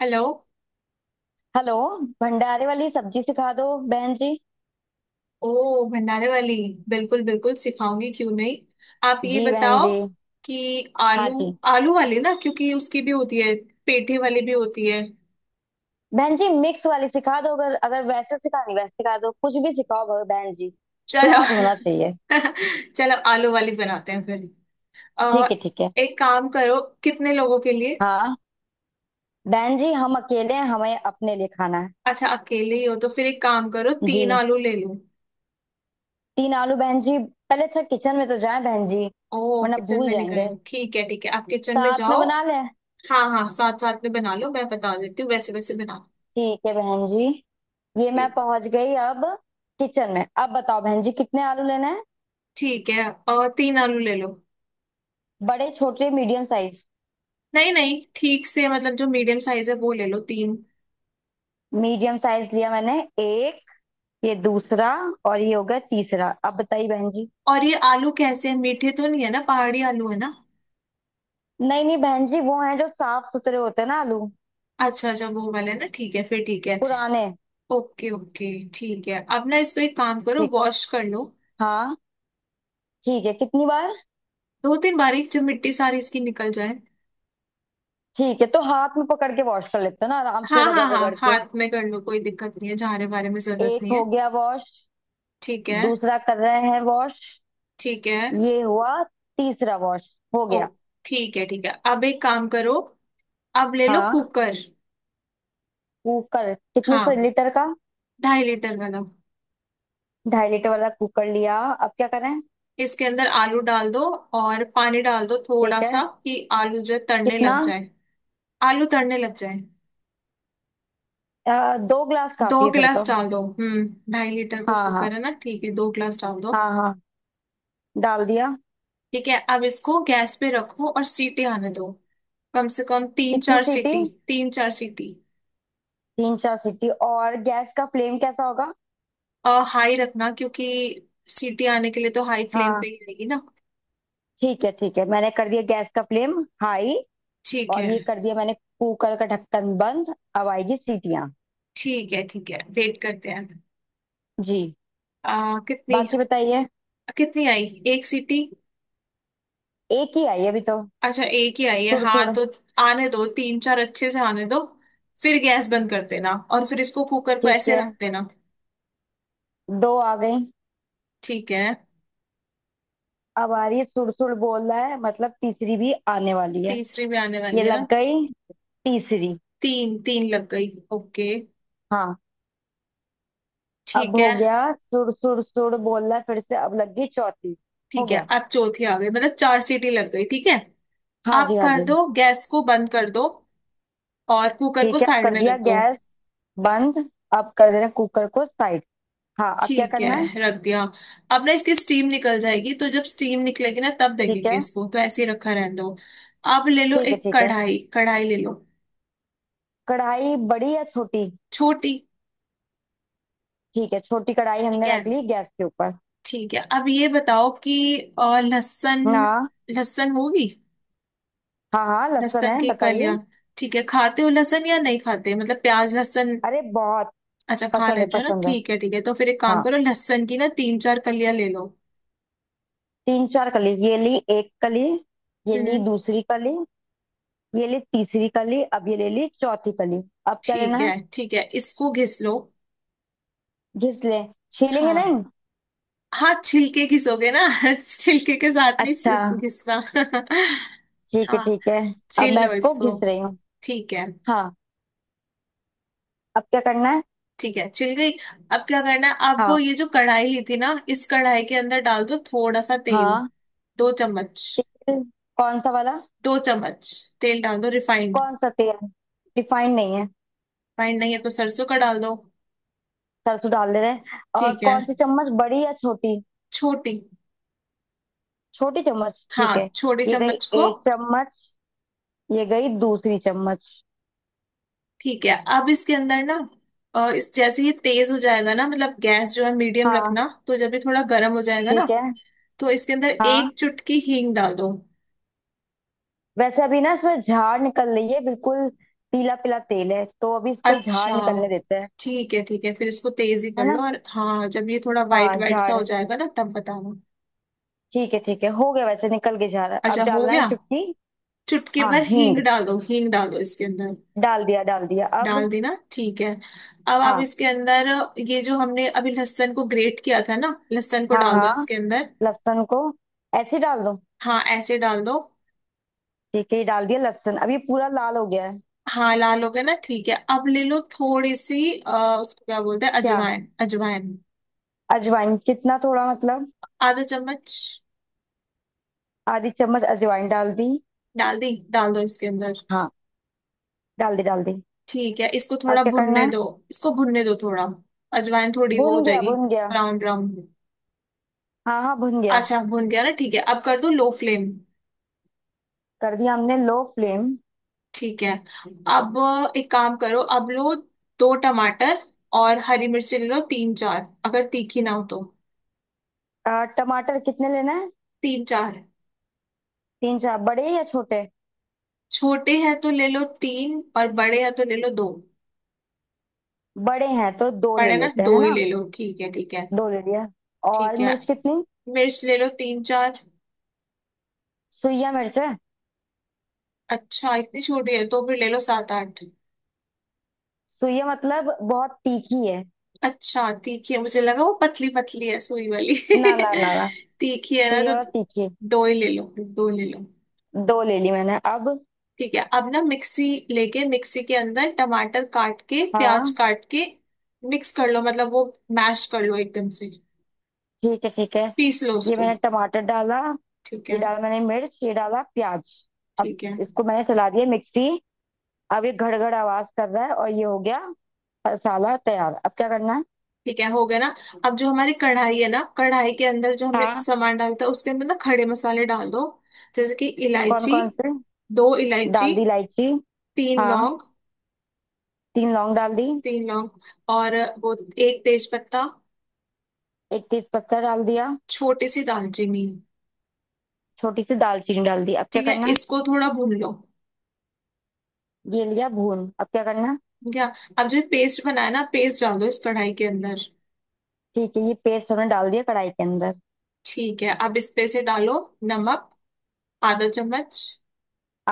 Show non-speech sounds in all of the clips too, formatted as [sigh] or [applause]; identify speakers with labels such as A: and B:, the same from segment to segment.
A: Hello.
B: Hello. भंडारे वाली सब्जी सिखा दो बहन जी।
A: ओ भंडारे वाली। बिल्कुल बिल्कुल सिखाऊंगी क्यों नहीं। आप ये
B: जी बहन
A: बताओ
B: जी।
A: कि
B: हाँ
A: आलू।
B: जी।
A: आलू वाली ना क्योंकि उसकी भी होती है। पेठे वाली भी होती है।
B: बहन जी मिक्स वाली सिखा दो अगर अगर वैसे सिखानी वैसे सिखा दो, कुछ भी सिखाओ बहन जी।
A: चलो।
B: स्वाद होना चाहिए।
A: [laughs] चलो आलू वाली बनाते हैं फिर। अ,
B: ठीक है ठीक है।
A: एक काम करो कितने लोगों के लिए।
B: हाँ बहन जी, हम अकेले हैं, हमें अपने लिए खाना है।
A: अच्छा अकेले ही हो तो फिर एक काम करो तीन
B: जी।
A: आलू ले लो।
B: तीन आलू बहन जी, पहले अच्छा किचन में तो जाए बहन जी।
A: ओ
B: वरना
A: किचन
B: भूल
A: में नहीं गए
B: जाएंगे,
A: हो। ठीक है आप किचन में
B: साथ में
A: जाओ।
B: बना लें।
A: हाँ हाँ साथ साथ में बना लो मैं बता देती हूँ वैसे वैसे बना।
B: ठीक है बहन जी। ये मैं
A: ठीक।
B: पहुंच गई अब किचन में। अब बताओ बहन जी कितने आलू लेना है।
A: ठीक है। और तीन आलू ले लो।
B: बड़े, छोटे, मीडियम साइज?
A: नहीं नहीं ठीक से मतलब जो मीडियम साइज है वो ले लो तीन।
B: मीडियम साइज लिया मैंने एक। ये दूसरा। और ये हो गया तीसरा। अब बताइए बहन जी।
A: और ये आलू कैसे हैं मीठे तो नहीं है ना पहाड़ी आलू है ना।
B: नहीं नहीं बहन जी, वो हैं जो साफ सुथरे होते हैं ना आलू।
A: अच्छा अच्छा वो वाले ना ठीक है फिर ठीक है।
B: पुराने।
A: Okay okay. ठीक है अब ना इसको एक काम करो
B: ठीक।
A: वॉश कर लो।
B: हाँ। ठीक है, कितनी बार?
A: दो तीन बार एक जब मिट्टी सारी इसकी निकल जाए।
B: ठीक है, तो हाथ में पकड़ के वॉश कर लेते हैं ना, आराम से
A: हाँ हाँ
B: रगड़
A: हाँ
B: रगड़ के।
A: हाथ में कर लो कोई दिक्कत नहीं है झाड़े वारे में जरूरत
B: एक
A: नहीं है।
B: हो गया वॉश।
A: ठीक है
B: दूसरा कर रहे हैं वॉश।
A: ठीक है।
B: ये हुआ। तीसरा वॉश हो
A: ओ
B: गया।
A: ठीक है अब एक काम करो। अब ले लो
B: हाँ।
A: कुकर।
B: कुकर कितने सौ
A: हाँ
B: लीटर का?
A: 2.5 लीटर वाला।
B: 2.5 लीटर वाला कुकर लिया, अब क्या करें?
A: इसके अंदर आलू डाल दो और पानी डाल दो थोड़ा
B: ठीक
A: सा
B: है,
A: कि आलू जो है तड़ने
B: कितना?
A: लग जाए। आलू तड़ने लग जाए।
B: दो ग्लास
A: दो
B: काफी है फिर तो।
A: गिलास डाल दो। हम्म। 2.5 लीटर का
B: हाँ हाँ
A: कुकर है ना ठीक है दो गिलास डाल दो।
B: हाँ हाँ डाल दिया।
A: ठीक है अब इसको गैस पे रखो और सीटी आने दो। कम से कम तीन
B: कितनी
A: चार
B: सीटी,
A: सीटी तीन चार सीटी।
B: तीन चार सीटी? और गैस का फ्लेम कैसा होगा?
A: और हाई रखना क्योंकि सीटी आने के लिए तो हाई फ्लेम पे
B: हाँ
A: ही रहेगी ना।
B: ठीक है ठीक है, मैंने कर दिया गैस का फ्लेम हाई।
A: ठीक
B: और
A: है
B: ये कर दिया मैंने कुकर का ढक्कन बंद, अब आएगी सीटियाँ।
A: ठीक है। ठीक है वेट करते हैं।
B: जी।
A: कितनी।
B: बाकी बताइए।
A: कितनी आई। एक सीटी।
B: एक ही आई अभी तो।
A: अच्छा एक ही आई है
B: सुड़ सुड़।
A: हाँ तो। आने दो तीन चार अच्छे से आने दो। फिर गैस बंद कर देना और फिर इसको कुकर को
B: ठीक
A: ऐसे
B: है,
A: रख देना।
B: दो आ गई।
A: ठीक है।
B: अब आ रही है, सुड़ सुड़ बोल रहा है, मतलब तीसरी भी आने वाली है।
A: तीसरी भी आने
B: ये
A: वाली है ना।
B: लग गई तीसरी।
A: तीन तीन लग गई ओके।
B: हाँ। अब
A: ठीक है।
B: हो गया सुड़ सुड़ सुड़ बोल रहा है फिर से, अब लग गई चौथी। हो
A: ठीक है
B: गया।
A: अब चौथी आ गई मतलब चार सीटी लग गई ठीक है।
B: हाँ जी
A: आप
B: हाँ जी।
A: कर दो गैस को बंद कर दो और कुकर को
B: ठीक है, अब
A: साइड
B: कर
A: में
B: दिया
A: रख दो।
B: गैस बंद। अब कर देना कुकर को साइड। हाँ, अब क्या
A: ठीक
B: करना है?
A: है रख दिया। अब ना इसकी स्टीम निकल जाएगी तो जब स्टीम निकलेगी ना तब
B: ठीक
A: देखेंगे
B: है
A: इसको तो ऐसे ही रखा रहने दो। अब ले लो
B: ठीक है
A: एक
B: ठीक है।
A: कढ़ाई कढ़ाई ले लो।
B: कढ़ाई बड़ी या छोटी?
A: छोटी।
B: ठीक है, छोटी कढ़ाई
A: ठीक
B: हमने
A: है
B: रख ली गैस के ऊपर।
A: ठीक है अब ये बताओ कि लहसुन।
B: ना।
A: लहसुन होगी।
B: हाँ हाँ, लहसुन
A: लहसुन
B: है,
A: की कलियां।
B: बताइए।
A: ठीक है खाते हो लहसुन या नहीं खाते मतलब प्याज लहसुन।
B: अरे बहुत
A: अच्छा खा
B: पसंद है
A: लेते हो ना
B: पसंद है।
A: ठीक है तो फिर एक काम
B: हाँ।
A: करो लहसुन की ना तीन चार कलियां ले लो।
B: तीन चार कली, ये ली एक कली। ये ली
A: हम्म।
B: दूसरी कली। ये ली तीसरी कली। अब ये ले ली चौथी कली। अब क्या लेना है?
A: ठीक है इसको घिस लो।
B: घिस ले। छीलेंगे
A: हाँ
B: नहीं?
A: हाँ छिलके घिसोगे ना। [laughs] छिलके के साथ नहीं
B: अच्छा।
A: घिसना। [laughs]
B: ठीक है
A: हाँ
B: ठीक है। अब
A: छील
B: मैं
A: लो
B: इसको
A: इसको।
B: घिस रही हूँ।
A: ठीक है
B: हाँ, अब क्या करना है?
A: ठीक है छिल गई। अब क्या करना है। आप
B: हाँ
A: ये जो कढ़ाई ली थी ना इस कढ़ाई के अंदर डाल दो थोड़ा सा तेल।
B: हाँ।
A: दो चम्मच।
B: तेल कौन सा वाला?
A: दो चम्मच तेल डाल दो रिफाइंड।
B: कौन सा तेल? रिफाइंड नहीं है।
A: रिफाइंड नहीं है तो सरसों का डाल दो।
B: सरसों डाल दे रहे हैं। और
A: ठीक है
B: कौन सी चम्मच, बड़ी या छोटी?
A: छोटी।
B: छोटी चम्मच ठीक
A: हाँ
B: है।
A: छोटी
B: ये गई
A: चम्मच को।
B: एक चम्मच। ये गई दूसरी चम्मच।
A: ठीक है अब इसके अंदर ना इस जैसे ये तेज हो जाएगा ना मतलब गैस जो है मीडियम
B: हाँ।
A: रखना तो जब ये थोड़ा गर्म हो जाएगा ना
B: ठीक है।
A: तो इसके अंदर
B: हाँ,
A: एक चुटकी हींग डाल दो।
B: वैसे अभी ना इसमें झाड़ निकल रही है बिल्कुल। पीला पीला तेल है तो अभी इसको
A: अच्छा
B: झाड़ निकलने देते हैं।
A: ठीक है फिर इसको तेज ही कर
B: है
A: लो
B: ना?
A: और हाँ जब ये थोड़ा वाइट
B: हाँ
A: वाइट सा हो
B: झाड़।
A: जाएगा ना तब बताना।
B: ठीक है ठीक है, हो गया वैसे निकल के झाड़, अब
A: अच्छा हो
B: डालना है
A: गया
B: चुटकी।
A: चुटकी
B: हाँ
A: भर
B: हींग,
A: हींग डाल दो इसके अंदर।
B: डाल दिया अब।
A: डाल दी ना ठीक है। अब आप
B: हाँ
A: इसके अंदर ये जो हमने अभी लहसुन को ग्रेट किया था ना लहसुन को
B: हाँ
A: डाल दो
B: हाँ,
A: इसके अंदर।
B: लहसुन को ऐसे ही डाल दो।
A: हाँ ऐसे डाल दो।
B: ठीक है, ये डाल दिया लहसुन, अब ये पूरा लाल हो गया है।
A: हाँ लाल हो गया ना ठीक है अब ले लो थोड़ी सी उसको क्या बोलते हैं
B: क्या?
A: अजवाइन अजवाइन।
B: अजवाइन कितना, थोड़ा मतलब?
A: आधा चम्मच।
B: आधी चम्मच अजवाइन डाल दी।
A: डाल दी डाल दो इसके अंदर।
B: हाँ डाल दी डाल दी।
A: ठीक है इसको
B: अब
A: थोड़ा
B: क्या करना
A: भुनने
B: है?
A: दो। इसको भुनने दो थोड़ा अजवाइन थोड़ी वो हो
B: भुन गया
A: जाएगी
B: भुन गया।
A: Brown brown.
B: हाँ हाँ भुन गया।
A: अच्छा भुन गया ना ठीक है अब कर दो लो फ्लेम।
B: कर दिया हमने लो फ्लेम।
A: ठीक है अब एक काम करो अब लो दो टमाटर और हरी मिर्ची ले लो तीन चार अगर तीखी ना हो तो
B: टमाटर कितने लेना है?
A: तीन चार।
B: तीन चार, बड़े या छोटे?
A: छोटे हैं तो ले लो तीन और बड़े हैं तो ले लो दो।
B: बड़े हैं तो दो ले
A: बड़े ना
B: लेते हैं,
A: दो
B: है
A: ही
B: ना?
A: ले लो ठीक है ठीक है।
B: दो ले लिया। और
A: ठीक है
B: मिर्च कितनी?
A: मिर्च ले लो तीन चार।
B: सुइया मिर्च है।
A: अच्छा इतनी छोटी है तो फिर ले लो सात आठ।
B: सुइया मतलब बहुत तीखी है।
A: अच्छा तीखी है मुझे लगा वो पतली पतली है सुई वाली।
B: ना ना ना ना।
A: [laughs] तीखी है ना
B: सुइया
A: तो
B: वाला तीखी।
A: दो ही ले लो दो ले लो।
B: दो ले ली मैंने अब।
A: ठीक है अब ना मिक्सी लेके मिक्सी के अंदर टमाटर काट के प्याज
B: हाँ
A: काट के मिक्स कर लो मतलब वो मैश कर लो एकदम से
B: ठीक है ठीक है।
A: पीस लो
B: ये
A: उसको।
B: मैंने टमाटर डाला।
A: ठीक
B: ये
A: है
B: डाला मैंने मिर्च, ये डाला प्याज। अब
A: ठीक है।
B: इसको मैंने चला दिया मिक्सी। अब ये घड़घड़ आवाज कर रहा है, और ये हो गया मसाला तैयार। अब क्या करना है?
A: ठीक है हो गया ना अब जो हमारी कढ़ाई है ना कढ़ाई के अंदर जो हमने
B: हाँ।
A: सामान डालता है उसके अंदर ना खड़े मसाले डाल दो जैसे कि
B: कौन
A: इलायची।
B: कौन से?
A: दो इलायची।
B: डाल दी इलायची।
A: तीन
B: हाँ
A: लौंग।
B: तीन लौंग डाल दी।
A: तीन लौंग और वो एक तेज पत्ता।
B: एक तेज पत्ता डाल दिया।
A: छोटी सी दालचीनी।
B: छोटी सी दालचीनी डाल दी, अब क्या
A: ठीक है
B: करना है?
A: इसको थोड़ा भून लो।
B: ये लिया भून, अब क्या करना है?
A: ठीक है अब जो पेस्ट बनाया ना पेस्ट डाल दो इस कढ़ाई के अंदर।
B: ठीक है, ये पेस्ट हमने डाल दिया कढ़ाई के अंदर।
A: ठीक है अब इस पे से डालो नमक आधा चम्मच।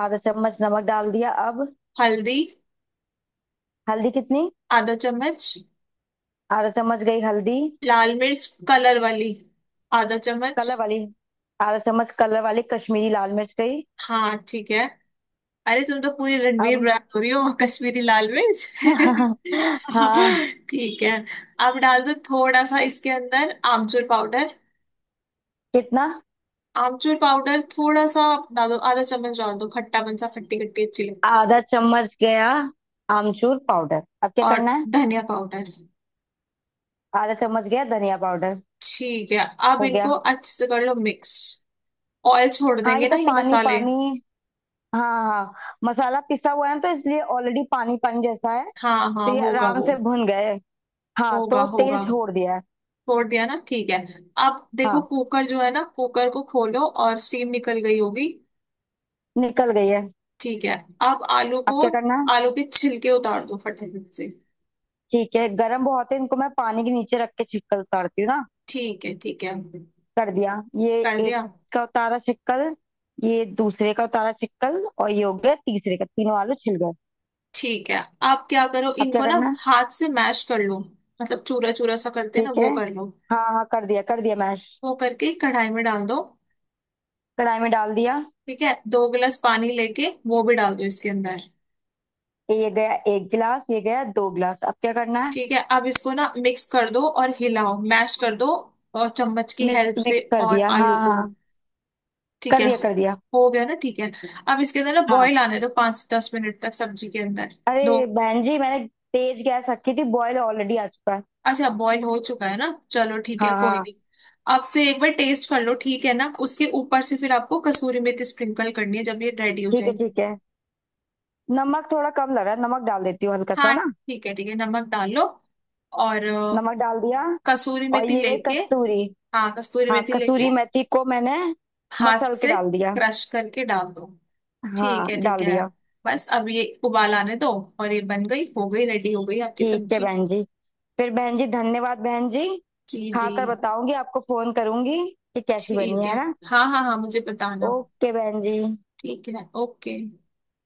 B: आधा चम्मच नमक डाल दिया। अब
A: हल्दी
B: हल्दी कितनी?
A: आधा चम्मच।
B: आधा चम्मच गई हल्दी।
A: लाल मिर्च कलर वाली आधा चम्मच।
B: कलर वाली? आधा चम्मच कलर वाली कश्मीरी लाल मिर्च गई।
A: हाँ ठीक है अरे तुम तो पूरी रणवीर
B: अब
A: ब्रांड हो रही हो कश्मीरी लाल मिर्च
B: [laughs] हाँ।
A: [laughs] ठीक है। अब डाल दो थोड़ा सा इसके अंदर आमचूर पाउडर।
B: कितना?
A: आमचूर पाउडर थोड़ा सा आप डाल दो आधा चम्मच डाल दो खट्टापन सा खट्टी खट्टी अच्छी लगती
B: आधा चम्मच गया आमचूर पाउडर। अब क्या
A: है और
B: करना है?
A: धनिया पाउडर।
B: आधा चम्मच गया धनिया पाउडर।
A: ठीक है अब
B: हो गया।
A: इनको अच्छे से कर लो मिक्स। ऑयल छोड़
B: हाँ, ये
A: देंगे ना
B: तो
A: ये
B: पानी
A: मसाले।
B: पानी। हाँ हाँ। मसाला पिसा हुआ है ना, तो इसलिए ऑलरेडी पानी पानी जैसा है।
A: हाँ
B: तो
A: हाँ
B: ये
A: होगा
B: आराम
A: वो
B: से भुन गए। हाँ
A: होगा
B: तो तेल
A: होगा
B: छोड़ दिया है।
A: छोड़ दिया ना ठीक है। अब देखो
B: हाँ,
A: कुकर जो है ना कुकर को खोलो और स्टीम निकल गई होगी।
B: निकल गई है।
A: ठीक है अब आलू
B: अब
A: को
B: क्या करना है?
A: आलू के छिलके उतार दो फटाफट से।
B: ठीक है, गरम बहुत है, इनको मैं पानी के नीचे रख के छिलका उतारती हूँ ना।
A: ठीक है
B: कर दिया ये
A: कर
B: एक
A: दिया।
B: का उतारा शिक्कल। ये दूसरे का उतारा शिक्कल, और ये हो गया तीसरे का, तीनों आलू छिल गए।
A: ठीक है आप क्या करो
B: अब क्या
A: इनको ना
B: करना है?
A: हाथ से मैश कर लो मतलब चूरा चूरा सा करते हैं ना
B: ठीक है
A: वो कर लो।
B: हाँ हाँ, कर दिया मैश।
A: वो करके कढ़ाई में डाल दो।
B: कढ़ाई में डाल दिया।
A: ठीक है दो गिलास पानी लेके वो भी डाल दो इसके अंदर।
B: ये गया एक गिलास, ये गया दो गिलास। अब क्या करना है?
A: ठीक है अब इसको ना मिक्स कर दो और हिलाओ मैश कर दो और चम्मच की
B: मिक्स
A: हेल्प से
B: मिक्स कर
A: और
B: दिया।
A: आलू
B: हाँ
A: को।
B: हाँ,
A: ठीक
B: कर
A: है
B: दिया कर दिया।
A: हो गया ना ठीक है अब इसके अंदर ना
B: हाँ।
A: बॉईल आने दो 5 से 10 मिनट तक सब्जी के अंदर दो।
B: अरे बहन जी, मैंने तेज गैस रखी थी, बॉयल ऑलरेडी आ चुका है।
A: अच्छा बॉईल हो चुका है ना चलो ठीक है
B: हाँ
A: कोई
B: हाँ।
A: नहीं। आप फिर एक बार टेस्ट कर लो ठीक है ना उसके ऊपर से फिर आपको कसूरी मेथी स्प्रिंकल करनी है जब ये रेडी हो
B: ठीक है
A: जाएगी।
B: ठीक है, नमक थोड़ा कम लग रहा है, नमक डाल देती हूँ हल्का सा
A: हाँ
B: ना।
A: ठीक है नमक डाल लो और
B: नमक डाल दिया।
A: कसूरी
B: और
A: मेथी
B: ये रही
A: लेके।
B: कस्तूरी।
A: हाँ कसूरी
B: हाँ
A: मेथी लेके
B: कसूरी मेथी को मैंने
A: हाथ
B: मसल के
A: से
B: डाल दिया।
A: क्रश करके डाल दो।
B: हाँ
A: ठीक
B: डाल
A: है
B: दिया।
A: बस अब ये उबाल आने दो और ये बन गई हो गई रेडी हो गई आपकी
B: ठीक है
A: सब्जी।
B: बहन जी। फिर बहन जी धन्यवाद बहन जी।
A: जी जी
B: खाकर बताऊंगी, आपको फोन करूंगी कि कैसी बनी
A: ठीक है
B: है ना।
A: हाँ हाँ हाँ मुझे बताना
B: ओके बहन जी।
A: ठीक है ओके।